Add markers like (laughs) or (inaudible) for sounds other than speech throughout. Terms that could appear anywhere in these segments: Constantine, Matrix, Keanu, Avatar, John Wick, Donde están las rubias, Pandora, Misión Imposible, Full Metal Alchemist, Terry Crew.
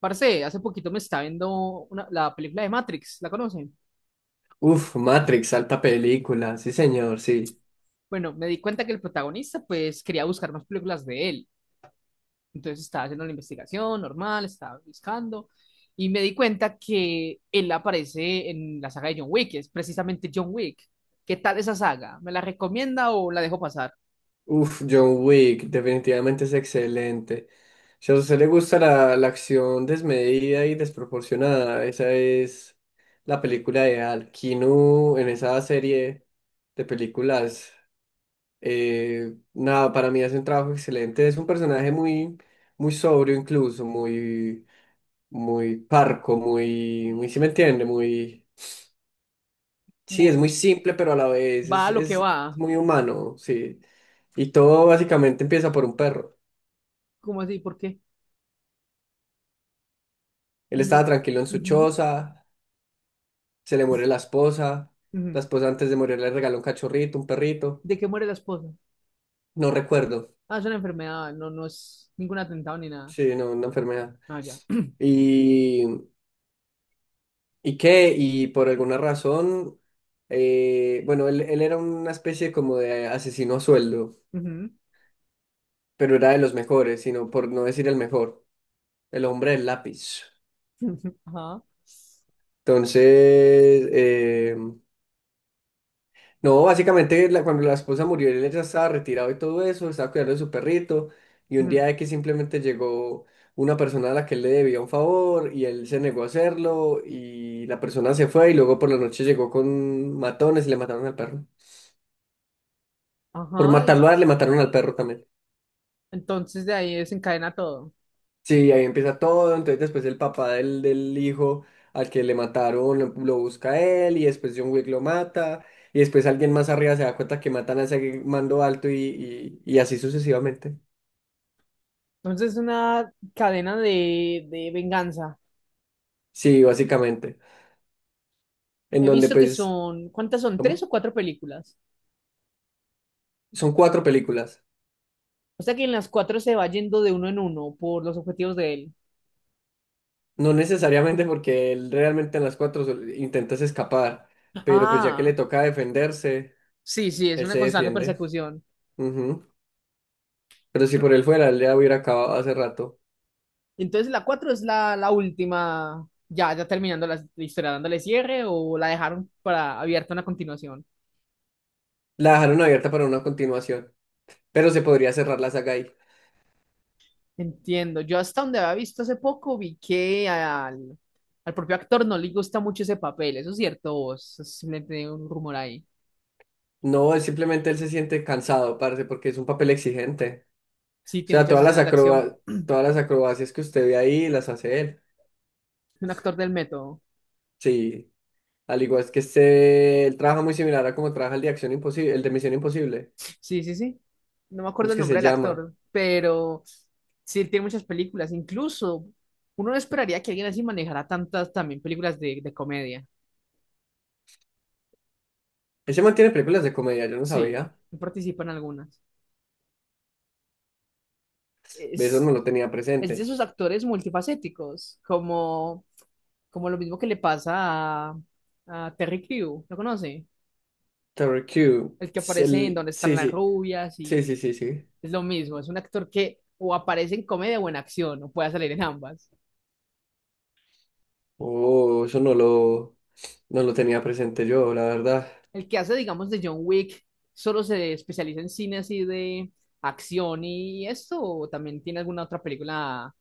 Parce, hace poquito me estaba viendo la película de Matrix, ¿la conocen? Uf, Matrix, alta película, sí señor, sí. Bueno, me di cuenta que el protagonista pues quería buscar más películas de él. Entonces estaba haciendo la investigación normal, estaba buscando y me di cuenta que él aparece en la saga de John Wick, es precisamente John Wick. ¿Qué tal esa saga? ¿Me la recomienda o la dejo pasar? Uf, John Wick, definitivamente es excelente. Si a usted le gusta la acción desmedida y desproporcionada, esa es la película ideal. Keanu en esa serie de películas, nada, para mí hace un trabajo excelente. Es un personaje muy, muy sobrio incluso, muy, muy parco, muy, muy, si me entiende, muy Sí, es muy Muy. simple, pero a la vez Va es, a lo que es, va. es muy humano, sí. Y todo básicamente empieza por un perro. ¿Cómo así? ¿Por qué? Él estaba No. tranquilo en su Ujú, choza, se le muere la ujú. esposa antes de morir le regaló un cachorrito, un perrito, ¿De qué muere la esposa? no recuerdo, Ah, es una enfermedad, no, no es ningún atentado ni nada. sí, no, una enfermedad. Ah, ya. Y, ¿Y qué? Y por alguna razón, bueno, él era una especie como de asesino a sueldo, Ujú. pero era de los mejores, sino por no decir el mejor, el hombre del lápiz. Ajá. Entonces, eh, no, básicamente cuando la esposa murió, él ya estaba retirado y todo eso, estaba cuidando de su perrito, y un Ujú. día que simplemente llegó una persona a la que él le debía un favor, y él se negó a hacerlo, y la persona se fue, y luego por la noche llegó con matones y le mataron al perro. Por Ajá. matarlo a él, le mataron al perro también. Entonces de ahí desencadena todo. Sí, ahí empieza todo, entonces después el papá del hijo al que le mataron lo busca a él, y después John Wick lo mata, y después alguien más arriba se da cuenta que matan a ese mando alto y así sucesivamente. Entonces es una cadena de venganza. Sí, básicamente. En He donde visto que pues, son, ¿cuántas son? ¿Tres ¿cómo? o cuatro películas? Son 4 películas. O sea que en las cuatro se va yendo de uno en uno por los objetivos de él. No necesariamente porque él realmente en las cuatro intentas escapar, pero pues ya que le Ah, toca defenderse, sí, sí, es él una se constante defiende. persecución. Ujú. Pero si por él fuera, él ya hubiera acabado hace rato. Entonces la cuatro es la última, ya, ya terminando la historia, dándole cierre o la dejaron para abierta una continuación. La dejaron abierta para una continuación, pero se podría cerrar la saga ahí. Entiendo. Yo hasta donde había visto hace poco vi que al propio actor no le gusta mucho ese papel. Eso es cierto, vos. Es simplemente un rumor ahí. No, es simplemente él se siente cansado, parce, porque es un papel exigente. Sí, O tiene sea, muchas escenas de acción. (clears throat) Todas las acrobacias que usted ve ahí las hace él. Un actor del método. Sí. Al igual es que este, él trabaja muy similar a como trabaja el de Acción Imposible, el de Misión Imposible. Sí, sí, sí. No me ¿Cómo acuerdo es el que nombre se del llama? actor, pero sí, él tiene muchas películas. Incluso uno no esperaría que alguien así manejara tantas también películas de comedia. Ese man tiene películas de comedia, yo no Sí, sabía. él participa en algunas. De Eso no es, lo tenía es de presente. esos actores multifacéticos, como, como lo mismo que le pasa a Terry Crew, ¿lo conoce? Terror Q. El que es aparece en Donde están sí, las sí. rubias Sí, y sí, sí, sí. es lo mismo, es un actor que o aparece en comedia o en acción, o puede salir en ambas. Oh, eso no lo tenía presente yo, la verdad. El que hace, digamos, de John Wick, solo se especializa en cine así de acción y esto, o también tiene alguna otra película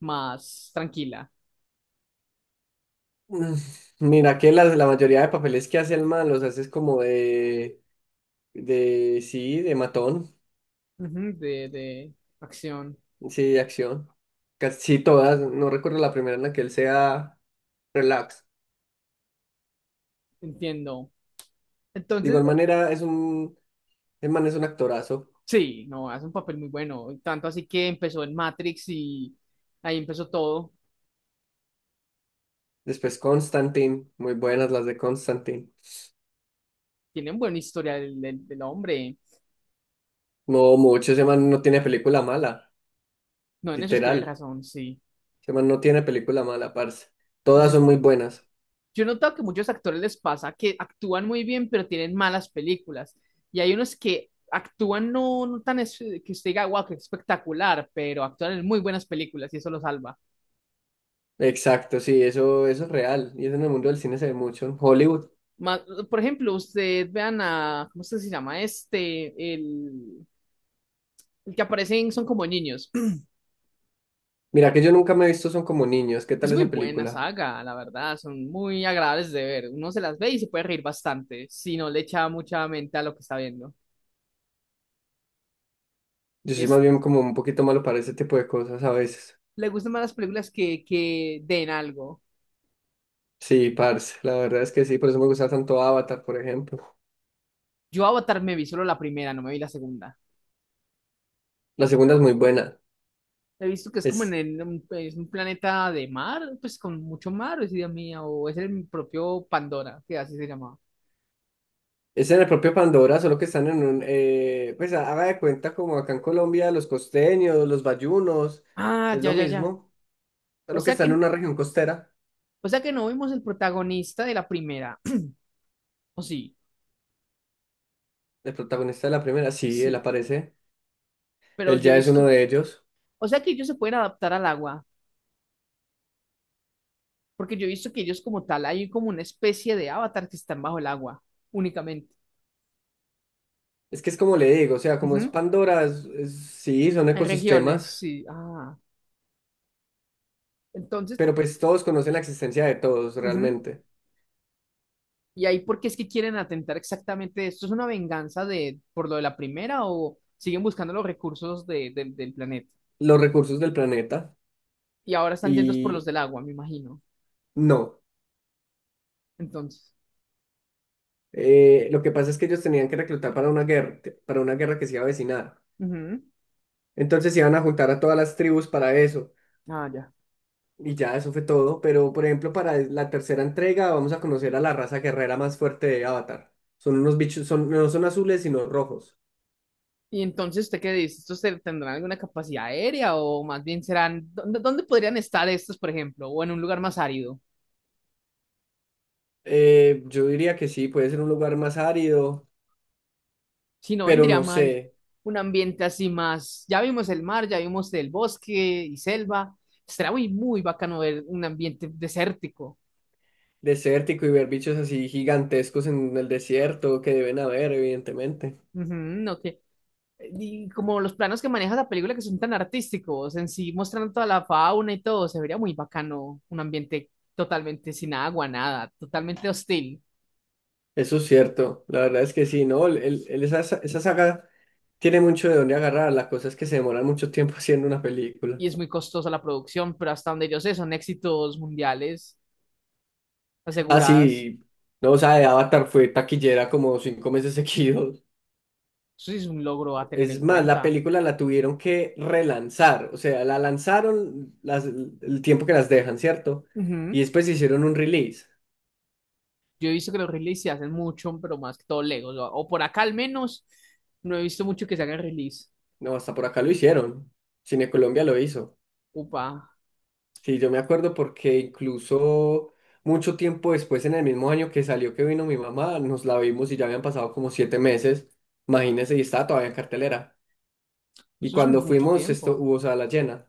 más tranquila. Mm, Mira que la mayoría de papeles que hace el man los haces como sí, de matón, Ujú, de acción. sí, de acción. Casi todas, no recuerdo la primera en la que él sea relax. Entiendo. De Entonces, igual manera, el man es un actorazo. sí, no, hace un papel muy bueno. Tanto así que empezó en Matrix y ahí empezó todo. Después Constantine, muy buenas las de Constantine. Tiene un buen historial del hombre. No mucho, ese man no tiene película mala, No, en eso tiene literal. razón, sí. Ese man no tiene película mala, parce. Es- Todas es- son muy buenas. yo he notado que muchos actores les pasa que actúan muy bien, pero tienen malas películas. Y hay unos que actúan no, no que usted diga, wow, qué espectacular, pero actúan en muy buenas películas y eso lo salva. Exacto, sí, eso es real. Y eso en el mundo del cine se ve mucho, en Hollywood. Ma- por ejemplo, usted vean a, ¿cómo es que se llama este? El que aparecen son como niños. (clears throat) Mira que yo nunca me he visto Son como niños. ¿Qué Es tal muy esa buena película? saga, la verdad, son muy agradables de ver. Uno se las ve y se puede reír bastante, si no le echa mucha mente a lo que está viendo. Yo soy Es, más bien como un poquito malo para ese tipo de cosas a veces. le gustan más las películas que den algo. Sí, parce, la verdad es que sí, por eso me gusta tanto Avatar, por ejemplo. Yo Avatar me vi solo la primera, no me vi la segunda. La segunda es muy buena. He visto que es como en Es es un planeta de mar, pues con mucho mar, o es idea mía, o es el propio Pandora, que así se llamaba. Es en el propio Pandora, solo que están en un, pues haga de cuenta como acá en Colombia, los costeños, los bayunos, Ah, es ya, lo ya, ya. mismo, O solo que sea están en que, una región costera. o sea que no vimos el protagonista de la primera. (clears throat) O sí, El protagonista de la primera, sí, él sí. aparece, Pero él yo he ya es uno visto, de ellos. o sea que ellos se pueden adaptar al agua, porque yo he visto que ellos como tal hay como una especie de avatar que están bajo el agua únicamente. Es que es como le digo, o sea, como es Ujú. Pandora, sí, son Hay regiones, ecosistemas, sí. Ah, entonces, pero pues todos conocen la existencia de todos ujú. realmente, ¿Y ahí por qué es que quieren atentar exactamente esto? ¿Es una venganza de por lo de la primera o siguen buscando los recursos del planeta? los recursos del planeta, Y ahora están yendo por los y del agua, me imagino. no. Entonces, Lo que pasa es que ellos tenían que reclutar para una guerra que se iba a avecinar. ujú. Entonces iban a juntar a todas las tribus para eso. Ah, ya. Y ya eso fue todo. Pero, por ejemplo, para la tercera entrega vamos a conocer a la raza guerrera más fuerte de Avatar. Son unos bichos, no son azules, sino rojos. Y entonces, ¿usted qué dice? ¿Estos tendrán alguna capacidad aérea o más bien serán, ¿dónde, dónde podrían estar estos, por ejemplo? O en un lugar más árido. Yo diría que sí, puede ser un lugar más árido, Si no, pero vendría no mal sé, un ambiente así más. Ya vimos el mar, ya vimos el bosque y selva. Será muy, muy bacano ver un ambiente desértico. desértico y ver bichos así gigantescos en el desierto que deben haber, evidentemente. Ujú, no que- Y como los planos que maneja la película que son tan artísticos, en sí mostrando toda la fauna y todo, se vería muy bacano un ambiente totalmente sin agua, nada, totalmente hostil. Eso es cierto, la verdad es que sí, ¿no? Esa saga tiene mucho de dónde agarrar, la cosa es que se demoran mucho tiempo (laughs) haciendo una película. Y es muy costosa la producción, pero hasta donde yo sé son éxitos mundiales Ah, aseguradas. sí. No, o sea, de Avatar fue taquillera como 5 meses (laughs) seguidos. Eso sí es un logro a tener Es en más, la cuenta. película la tuvieron que relanzar. O sea, la lanzaron el tiempo que las dejan, ¿cierto? Ujú. Y después hicieron un release. Yo he visto que los releases se hacen mucho, pero más que todo Legos, o por acá al menos, no he visto mucho que se hagan release. No, hasta por acá lo hicieron. Cine Colombia lo hizo. Upa, Sí, yo me acuerdo porque incluso mucho tiempo después, en el mismo año que salió que vino mi mamá, nos la vimos y ya habían pasado como 7 meses. Imagínense, y estaba todavía en cartelera. Y eso es un cuando mucho fuimos, esto tiempo. hubo sala llena.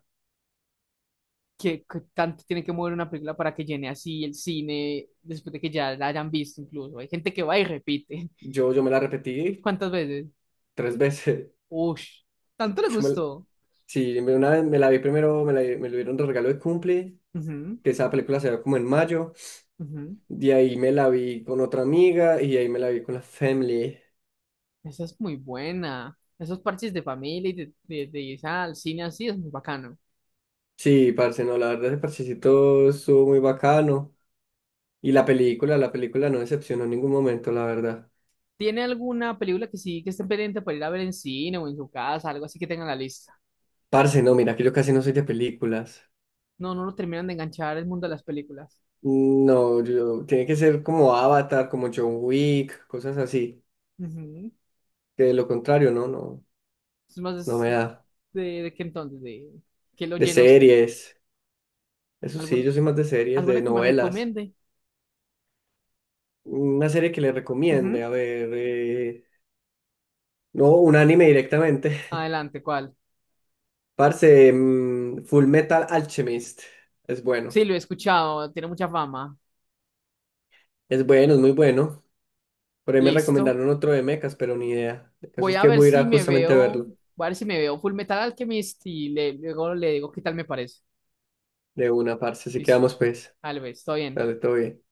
¿Qué, qué tanto tiene que mover una película para que llene así el cine después de que ya la hayan visto incluso? Hay gente que va y repite. Yo me la (laughs) repetí ¿Cuántas veces? 3 veces. Ush, tanto le (laughs) Yo me- gustó. sí, una vez me la vi primero, me lo dieron de regalo de cumple, Ujú, que esa película se ve como en mayo. ujú. De ahí me la vi con otra amiga y de ahí me la vi con la family. Esa es muy buena. Esos parches de familia y de ir al cine así es muy bacano. Sí, parce, no, la verdad ese parchecito estuvo muy bacano. Y la película no decepcionó en ningún momento, la verdad. ¿Tiene alguna película que sí que esté pendiente para ir a ver en cine o en su casa, algo así que tenga en la lista? Parce, no, mira que yo casi no soy de películas. No, no lo terminan de enganchar el mundo de las películas. No, tiene que ser como Avatar, como John Wick, cosas así. Ujú. Que de lo contrario, no, no, Es más, no es me da. De qué entonces, de qué lo De llena usted. series. Eso sí, ¿Algún, yo soy más de series, de alguna que me novelas. recomiende? Una serie que le Ujú. recomiende, a ver, no, un anime directamente. Adelante, ¿cuál? (laughs) Parce, Full Metal Alchemist. Es bueno, Sí, lo he escuchado, tiene mucha fama. es bueno, es muy bueno. Por ahí me Listo. recomendaron otro de mechas, pero ni idea. El caso Voy es a que ver voy a ir si a me justamente a veo, verlo voy a ver si me veo Full Metal Alchemist y le, luego le digo qué tal me parece. de una, parce. Así que Listo. vamos pues. Tal vez, todo bien. Dale, todo bien.